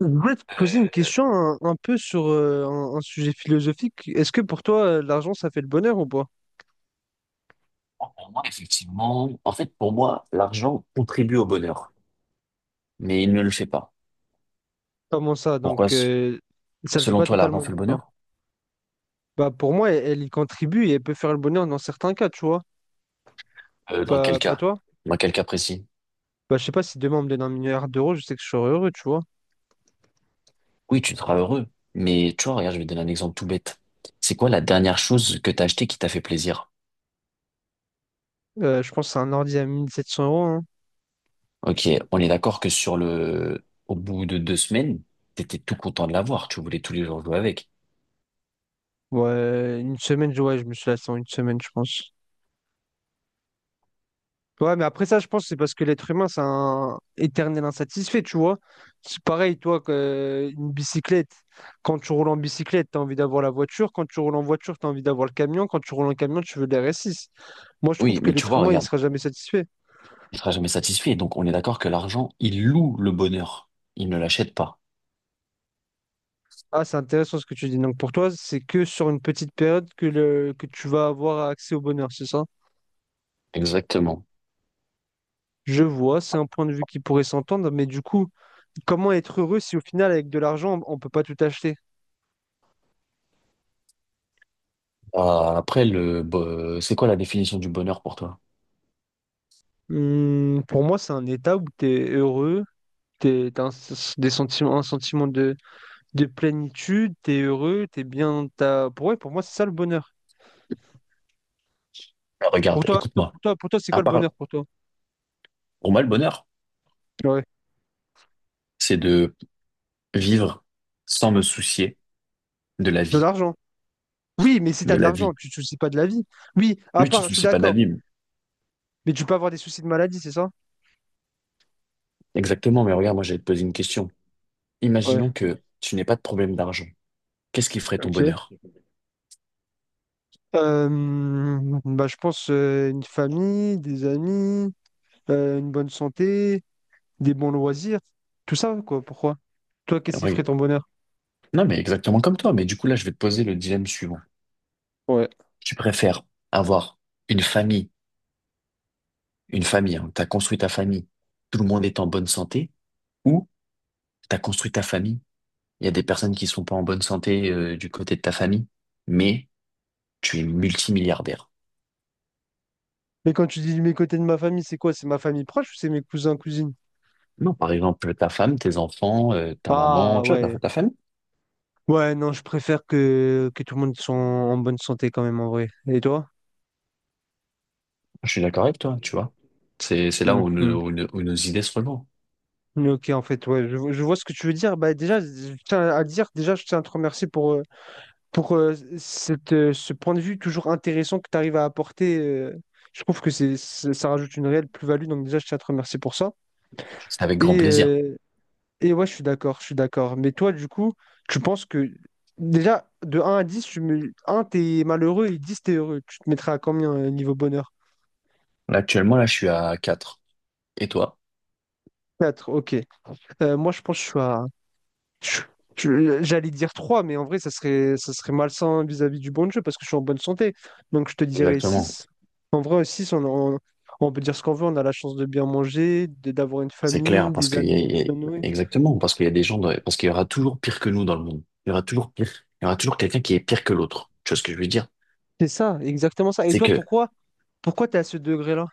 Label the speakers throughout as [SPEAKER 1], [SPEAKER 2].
[SPEAKER 1] Je voulais te poser une
[SPEAKER 2] Euh,
[SPEAKER 1] question un peu sur un sujet philosophique. Est-ce que pour toi, l'argent, ça fait le bonheur ou pas?
[SPEAKER 2] pour moi, effectivement, en fait, pour moi, l'argent contribue au bonheur, mais il ne le fait pas.
[SPEAKER 1] Comment ça?
[SPEAKER 2] Pourquoi,
[SPEAKER 1] Donc, ça le fait
[SPEAKER 2] selon
[SPEAKER 1] pas
[SPEAKER 2] toi, l'argent
[SPEAKER 1] totalement
[SPEAKER 2] fait le
[SPEAKER 1] pour toi.
[SPEAKER 2] bonheur?
[SPEAKER 1] Bah, pour moi, elle y contribue et elle peut faire le bonheur dans certains cas, tu vois.
[SPEAKER 2] Dans quel
[SPEAKER 1] Pas
[SPEAKER 2] cas?
[SPEAKER 1] toi?
[SPEAKER 2] Dans quel cas précis?
[SPEAKER 1] Bah, je sais pas si demain on me donne 1 milliard d'euros, je sais que je serai heureux, tu vois.
[SPEAKER 2] Oui, tu seras heureux, mais tu vois, regarde, je vais te donner un exemple tout bête. C'est quoi la dernière chose que t'as achetée qui t'a fait plaisir?
[SPEAKER 1] Je pense à un ordi à 1 700 euros. Hein.
[SPEAKER 2] Ok, on est d'accord que sur le, au bout de 2 semaines, t'étais tout content de l'avoir, tu voulais tous les jours jouer avec.
[SPEAKER 1] Ouais, une semaine, ouais, je me suis lassé en une semaine, je pense. Ouais, mais après ça, je pense que c'est parce que l'être humain, c'est un éternel insatisfait, tu vois. C'est pareil, toi, que une bicyclette. Quand tu roules en bicyclette, tu as envie d'avoir la voiture. Quand tu roules en voiture, tu as envie d'avoir le camion. Quand tu roules en camion, tu veux l'RS6. Moi, je trouve
[SPEAKER 2] Oui,
[SPEAKER 1] que
[SPEAKER 2] mais tu
[SPEAKER 1] l'être
[SPEAKER 2] vois,
[SPEAKER 1] humain, il
[SPEAKER 2] regarde,
[SPEAKER 1] sera jamais satisfait.
[SPEAKER 2] il sera jamais satisfait, donc on est d'accord que l'argent, il loue le bonheur, il ne l'achète pas.
[SPEAKER 1] Ah, c'est intéressant ce que tu dis. Donc, pour toi, c'est que sur une petite période que, que tu vas avoir accès au bonheur, c'est ça?
[SPEAKER 2] Exactement.
[SPEAKER 1] Je vois, c'est un point de vue qui pourrait s'entendre, mais du coup, comment être heureux si au final, avec de l'argent, on peut pas tout acheter?
[SPEAKER 2] Ah, après, c'est quoi la définition du bonheur pour toi?
[SPEAKER 1] Pour moi, c'est un état où tu es heureux, tu as des sentiments, un sentiment de plénitude, tu es heureux, tu es bien. Ouais, pour moi, c'est ça le bonheur.
[SPEAKER 2] Ah,
[SPEAKER 1] Pour
[SPEAKER 2] regarde,
[SPEAKER 1] toi, attends,
[SPEAKER 2] écoute-moi.
[SPEAKER 1] pour toi, c'est
[SPEAKER 2] À
[SPEAKER 1] quoi le
[SPEAKER 2] part,
[SPEAKER 1] bonheur pour toi?
[SPEAKER 2] pour moi, le bonheur,
[SPEAKER 1] Ouais.
[SPEAKER 2] c'est de vivre sans me soucier de la
[SPEAKER 1] De
[SPEAKER 2] vie,
[SPEAKER 1] l'argent. Oui, mais si tu as
[SPEAKER 2] de
[SPEAKER 1] de
[SPEAKER 2] la
[SPEAKER 1] l'argent,
[SPEAKER 2] vie.
[SPEAKER 1] tu te soucies pas de la vie. Oui, à
[SPEAKER 2] Oui, tu ne te
[SPEAKER 1] part, je suis
[SPEAKER 2] soucies pas de la
[SPEAKER 1] d'accord.
[SPEAKER 2] vie, mais-
[SPEAKER 1] Mais tu peux avoir des soucis de maladie, c'est ça?
[SPEAKER 2] exactement, mais regarde, moi, j'allais te poser une question.
[SPEAKER 1] Ouais,
[SPEAKER 2] Imaginons que tu n'aies pas de problème d'argent. Qu'est-ce qui ferait ton
[SPEAKER 1] ok.
[SPEAKER 2] bonheur?
[SPEAKER 1] Euh, Bah, je pense une famille, des amis, une bonne santé, des bons loisirs, tout ça, quoi. Pourquoi? Toi, qu'est-ce qui ferait
[SPEAKER 2] Oui.
[SPEAKER 1] ton bonheur?
[SPEAKER 2] Non, mais exactement comme toi. Mais du coup, là, je vais te poser le dilemme suivant. Tu préfères avoir une famille, hein, t'as construit ta famille, tout le monde est en bonne santé, ou t'as construit ta famille, il y a des personnes qui sont pas en bonne santé du côté de ta famille, mais tu es multimilliardaire.
[SPEAKER 1] Mais quand tu dis mes côtés de ma famille, c'est quoi? C'est ma famille proche ou c'est mes cousins, cousines?
[SPEAKER 2] Non, par exemple, ta femme, tes enfants, ta
[SPEAKER 1] Ah
[SPEAKER 2] maman, tu vois,
[SPEAKER 1] ouais.
[SPEAKER 2] ta famille.
[SPEAKER 1] Ouais, non, je préfère que tout le monde soit en bonne santé quand même en vrai. Et toi?
[SPEAKER 2] Je suis d'accord avec toi, tu vois. C'est là où,
[SPEAKER 1] Mhm.
[SPEAKER 2] nos- où nos où nos idées se rejoignent.
[SPEAKER 1] Ok, en fait, ouais, je vois ce que tu veux dire. Bah, déjà, je tiens à dire, déjà, je tiens à te remercier pour ce point de vue toujours intéressant que tu arrives à apporter. Je trouve que c'est, ça ça rajoute une réelle plus-value, donc déjà, je tiens à te remercier pour ça.
[SPEAKER 2] C'est avec grand
[SPEAKER 1] Et,
[SPEAKER 2] plaisir.
[SPEAKER 1] euh, Et ouais, je suis d'accord, je suis d'accord. Mais toi, du coup, tu penses que déjà, de un à 10, un t'es malheureux et 10 t'es heureux. Tu te mettrais à combien niveau bonheur?
[SPEAKER 2] Là, actuellement, là, je suis à 4. Et toi?
[SPEAKER 1] Quatre? Ok. Moi, je pense que je suis à... je- J'allais dire 3, mais en vrai, ça serait malsain vis-à-vis du bon jeu parce que je suis en bonne santé. Donc, je te dirais
[SPEAKER 2] Exactement.
[SPEAKER 1] 6. En vrai, 6. On peut dire ce qu'on veut. On a la chance de bien manger, d'avoir une
[SPEAKER 2] C'est
[SPEAKER 1] famille,
[SPEAKER 2] clair, parce
[SPEAKER 1] des
[SPEAKER 2] qu'il y a,
[SPEAKER 1] amis,
[SPEAKER 2] il
[SPEAKER 1] de
[SPEAKER 2] y a-
[SPEAKER 1] bien nourrir.
[SPEAKER 2] exactement, parce qu'il y a des gens, parce qu'il y aura toujours pire que nous dans le monde. Il y aura toujours pire. Il y aura toujours quelqu'un qui est pire que l'autre. Tu vois ce que je veux dire?
[SPEAKER 1] C'est ça, exactement ça. Et
[SPEAKER 2] C'est
[SPEAKER 1] toi,
[SPEAKER 2] que moi,
[SPEAKER 1] pourquoi t'es à ce degré-là?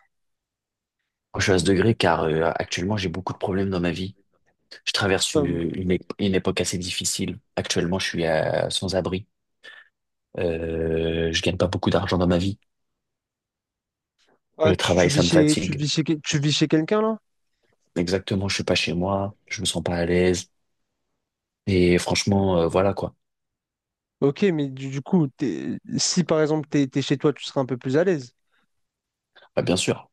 [SPEAKER 2] je suis à ce degré car actuellement j'ai beaucoup de problèmes dans ma vie. Je traverse
[SPEAKER 1] Euh,
[SPEAKER 2] une époque assez difficile. Actuellement, je suis sans abri. Je gagne pas beaucoup d'argent dans ma vie.
[SPEAKER 1] Ah,
[SPEAKER 2] Le
[SPEAKER 1] tu, tu
[SPEAKER 2] travail,
[SPEAKER 1] vis
[SPEAKER 2] ça me
[SPEAKER 1] chez, tu
[SPEAKER 2] fatigue.
[SPEAKER 1] vis chez, quel- tu vis chez quelqu'un là?
[SPEAKER 2] Exactement, je suis pas chez moi. Je me sens pas à l'aise. Et franchement, voilà quoi.
[SPEAKER 1] Ok, mais du coup, si par exemple t'es chez toi, tu seras un peu plus à l'aise.
[SPEAKER 2] Bah, bien sûr.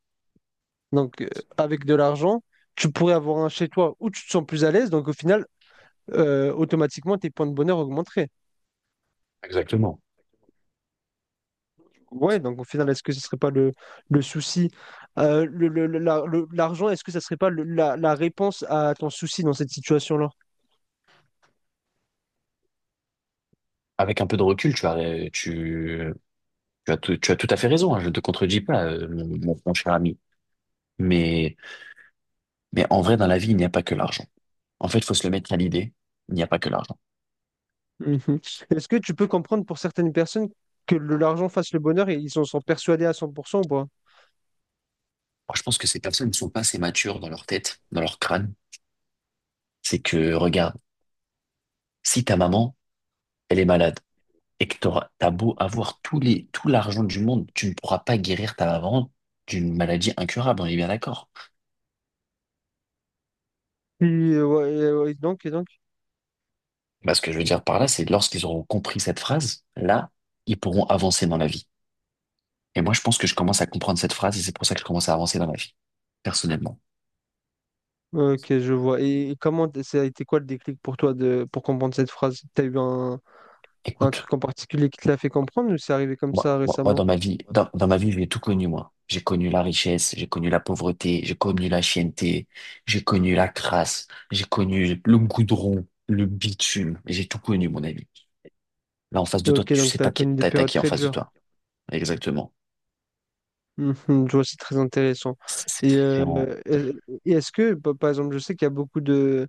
[SPEAKER 1] Donc, avec de l'argent, tu pourrais avoir un chez toi où tu te sens plus à l'aise. Donc, au final, automatiquement, tes points de bonheur augmenteraient.
[SPEAKER 2] Exactement.
[SPEAKER 1] Ouais, donc au final, est-ce que ce serait pas le souci? L'argent, est-ce que ça serait pas la réponse à ton souci dans cette situation-là?
[SPEAKER 2] Avec un peu de recul, tu, tu as tout, tu as tout à fait raison, hein, je ne te contredis pas, mon cher ami. Mais, mais en vrai, dans la vie, il n'y a pas que l'argent. En fait, il faut se le mettre à l'idée, il n'y a pas que l'argent.
[SPEAKER 1] Mhm. Est-ce que tu peux comprendre pour certaines personnes que l'argent fasse le bonheur et ils en sont persuadés à 100% ou pas?
[SPEAKER 2] Moi, je pense que ces personnes ne sont pas assez matures dans leur tête, dans leur crâne. C'est que, regarde, si ta maman, elle est malade, et que t'as beau avoir tout l'argent du monde, tu ne pourras pas guérir ta maman d'une maladie incurable, on est bien d'accord.
[SPEAKER 1] Et, ouais, et donc.
[SPEAKER 2] Bah, ce que je veux dire par là, c'est lorsqu'ils auront compris cette phrase, là, ils pourront avancer dans la vie. Et moi, je pense que je commence à comprendre cette phrase et c'est pour ça que je commence à avancer dans la vie, personnellement.
[SPEAKER 1] Ok, je vois. Et comment ça a été quoi le déclic pour toi de pour comprendre cette phrase? T'as eu un
[SPEAKER 2] Écoute,
[SPEAKER 1] truc en particulier qui te l'a fait comprendre ou c'est arrivé comme
[SPEAKER 2] moi,
[SPEAKER 1] ça
[SPEAKER 2] moi, moi,
[SPEAKER 1] récemment?
[SPEAKER 2] dans ma vie, dans ma vie, j'ai tout connu, moi. J'ai connu la richesse, j'ai connu la pauvreté, j'ai connu la chienneté, j'ai connu la crasse, j'ai connu le goudron, le bitume. J'ai tout connu, mon ami. Là, en face de toi,
[SPEAKER 1] Ok,
[SPEAKER 2] tu
[SPEAKER 1] donc
[SPEAKER 2] sais
[SPEAKER 1] tu as
[SPEAKER 2] pas qui,
[SPEAKER 1] connu des
[SPEAKER 2] t'as
[SPEAKER 1] périodes
[SPEAKER 2] qui en
[SPEAKER 1] très
[SPEAKER 2] face de
[SPEAKER 1] dures.
[SPEAKER 2] toi. Exactement.
[SPEAKER 1] Mhm, je vois, c'est très intéressant.
[SPEAKER 2] C'est c'est-
[SPEAKER 1] Et est-ce que, par exemple, je sais qu'il y a beaucoup de,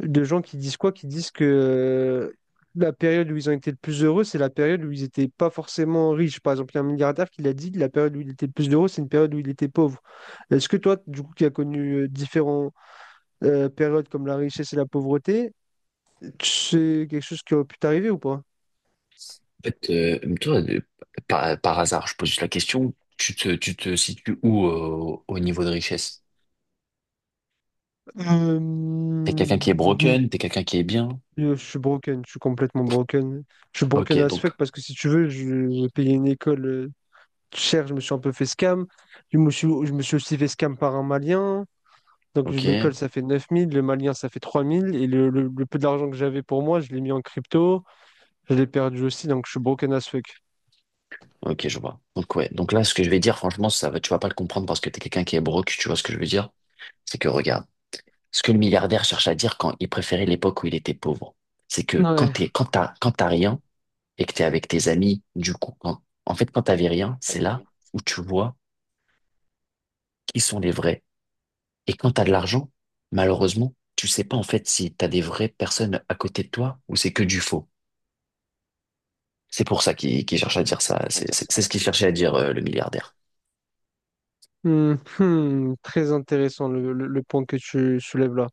[SPEAKER 1] de gens qui disent quoi? Qui disent que la période où ils ont été le plus heureux, c'est la période où ils n'étaient pas forcément riches. Par exemple, il y a un milliardaire qui l'a dit, la période où il était le plus heureux, c'est une période où il était pauvre. Est-ce que toi, du coup, qui as connu différentes périodes comme la richesse et la pauvreté, c'est quelque chose qui aurait pu t'arriver ou pas?
[SPEAKER 2] En fait, toi, par hasard, je pose juste la question, tu te situes où au niveau de richesse? T'es quelqu'un qui est
[SPEAKER 1] Euh,
[SPEAKER 2] broken, t'es quelqu'un qui est bien?
[SPEAKER 1] Yo, je suis broken, je suis complètement broken. Je suis
[SPEAKER 2] Ok,
[SPEAKER 1] broken as fuck
[SPEAKER 2] donc,
[SPEAKER 1] parce que si tu veux, j'ai payé une école chère, je me suis un peu fait scam. Je me suis aussi fait scam par un Malien. Donc
[SPEAKER 2] ok,
[SPEAKER 1] l'école, ça fait 9 000, le Malien, ça fait 3 000. Et le peu d'argent que j'avais pour moi, je l'ai mis en crypto. Je l'ai perdu aussi, donc je suis broken as fuck.
[SPEAKER 2] ok, je vois. Donc, ouais, donc là, ce que je vais dire, franchement, ça va, tu vas pas le comprendre parce que t'es quelqu'un qui est broke, tu vois ce que je veux dire? C'est que, regarde, ce que le milliardaire cherche à dire quand il préférait l'époque où il était pauvre, c'est que
[SPEAKER 1] Ouais.
[SPEAKER 2] quand t'as rien et que t'es avec tes amis, du coup, quand t'avais rien, c'est là où tu vois qui sont les vrais. Et quand tu as de l'argent, malheureusement, tu sais pas en fait si tu as des vraies personnes à côté de toi ou c'est que du faux. C'est pour ça qu'il cherche à dire ça. C'est ce qu'il cherchait à dire le milliardaire.
[SPEAKER 1] Hmm, hmm, très intéressant le point que tu soulèves là.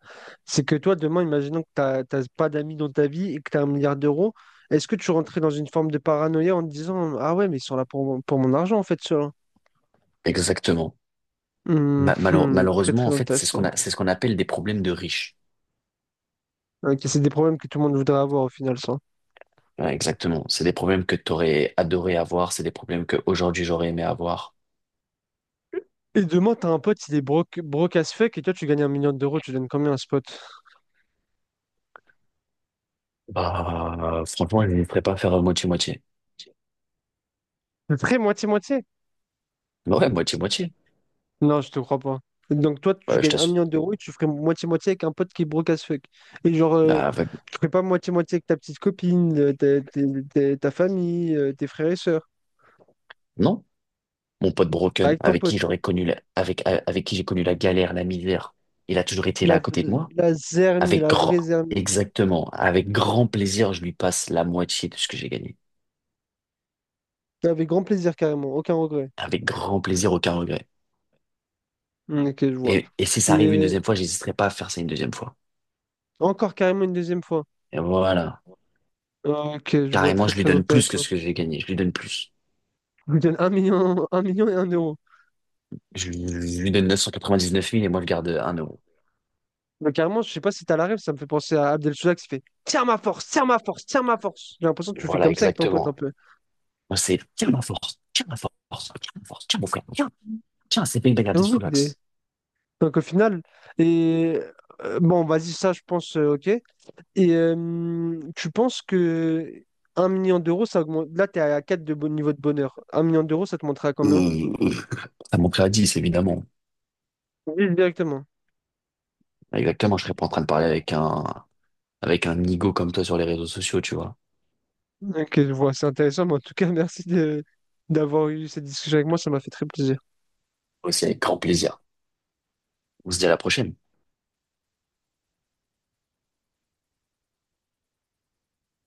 [SPEAKER 1] C'est que toi, demain, imaginons que t'as pas d'amis dans ta vie et que tu as 1 milliard d'euros, est-ce que tu rentrais dans une forme de paranoïa en te disant, ah ouais, mais ils sont là pour mon argent en fait, ceux-là.
[SPEAKER 2] Exactement.
[SPEAKER 1] Hmm, hmm, très
[SPEAKER 2] Malheureusement,
[SPEAKER 1] très
[SPEAKER 2] en fait, c'est ce qu'on
[SPEAKER 1] intéressant.
[SPEAKER 2] a, c'est ce qu'on appelle des problèmes de riches.
[SPEAKER 1] Ok, c'est des problèmes que tout le monde voudrait avoir au final, ça.
[SPEAKER 2] Ouais, exactement. C'est des problèmes que t'aurais adoré avoir, c'est des problèmes que aujourd'hui j'aurais aimé avoir.
[SPEAKER 1] Et demain, t'as un pote, il est broke, broke as fuck et toi, tu gagnes 1 million d'euros, tu donnes combien à ce pote?
[SPEAKER 2] Bah, franchement, je ne ferais pas faire moitié-moitié.
[SPEAKER 1] Très moitié-moitié.
[SPEAKER 2] Bah ouais, moitié-moitié.
[SPEAKER 1] Non, je te crois pas. Donc toi, tu
[SPEAKER 2] Bah, je
[SPEAKER 1] gagnes un
[SPEAKER 2] t'assure.
[SPEAKER 1] million d'euros et tu ferais moitié-moitié avec un pote qui est broke as fuck. Et genre,
[SPEAKER 2] Bah, avec-
[SPEAKER 1] tu ferais pas moitié-moitié avec ta petite copine, ta famille, tes frères et sœurs.
[SPEAKER 2] non, mon pote Broken,
[SPEAKER 1] Avec ton pote.
[SPEAKER 2] avec, avec qui j'ai connu la galère, la misère, il a toujours été là
[SPEAKER 1] La,
[SPEAKER 2] à côté de moi.
[SPEAKER 1] la zermie,
[SPEAKER 2] Avec
[SPEAKER 1] la
[SPEAKER 2] grand,
[SPEAKER 1] vraie zermie.
[SPEAKER 2] exactement, avec grand plaisir, je lui passe la moitié de ce que j'ai gagné.
[SPEAKER 1] Avec grand plaisir carrément, aucun regret.
[SPEAKER 2] Avec grand plaisir, aucun regret.
[SPEAKER 1] Hmm, ok, je vois.
[SPEAKER 2] Et si ça
[SPEAKER 1] Et
[SPEAKER 2] arrive une deuxième fois, j'hésiterai pas à faire ça une deuxième fois.
[SPEAKER 1] encore carrément une deuxième fois.
[SPEAKER 2] Et voilà.
[SPEAKER 1] Ok, je vois
[SPEAKER 2] Carrément,
[SPEAKER 1] très
[SPEAKER 2] je lui
[SPEAKER 1] très
[SPEAKER 2] donne plus que
[SPEAKER 1] intéressant.
[SPEAKER 2] ce que j'ai gagné. Je lui donne plus.
[SPEAKER 1] Je vous donne 1 million, 1 million et 1 euro.
[SPEAKER 2] Je lui, je lui donne 999 000 et moi, je garde 1 euro.
[SPEAKER 1] Mais carrément, je sais pas si t'as la rêve, ça me fait penser à Abdel Soudak qui fait tiens ma force, tiens ma force, tiens ma force. J'ai l'impression que tu fais
[SPEAKER 2] Voilà,
[SPEAKER 1] comme ça avec ton pote un
[SPEAKER 2] exactement.
[SPEAKER 1] peu.
[SPEAKER 2] Moi, c'est tiens ma force, tiens ma force, tiens mon frère, tiens, c'est bien de
[SPEAKER 1] Et
[SPEAKER 2] garder
[SPEAKER 1] oui,
[SPEAKER 2] sous l'axe.
[SPEAKER 1] donc au final, et bon, vas-y, ça je pense, ok. Et tu penses que 1 million d'euros, ça augmente. Là, t'es à 4 de bon niveau de bonheur. 1 million d'euros, ça te montrait à combien?
[SPEAKER 2] Euh, euh, Ça, mon frère 10, évidemment.
[SPEAKER 1] Oui, directement.
[SPEAKER 2] Exactement, je serais pas en train de parler avec un nigo comme toi sur les réseaux sociaux, tu vois.
[SPEAKER 1] Ok, je vois, c'est intéressant, mais en tout cas, merci d'avoir eu cette discussion avec moi, ça m'a fait très plaisir.
[SPEAKER 2] Aussi, avec grand plaisir. On se dit à la prochaine.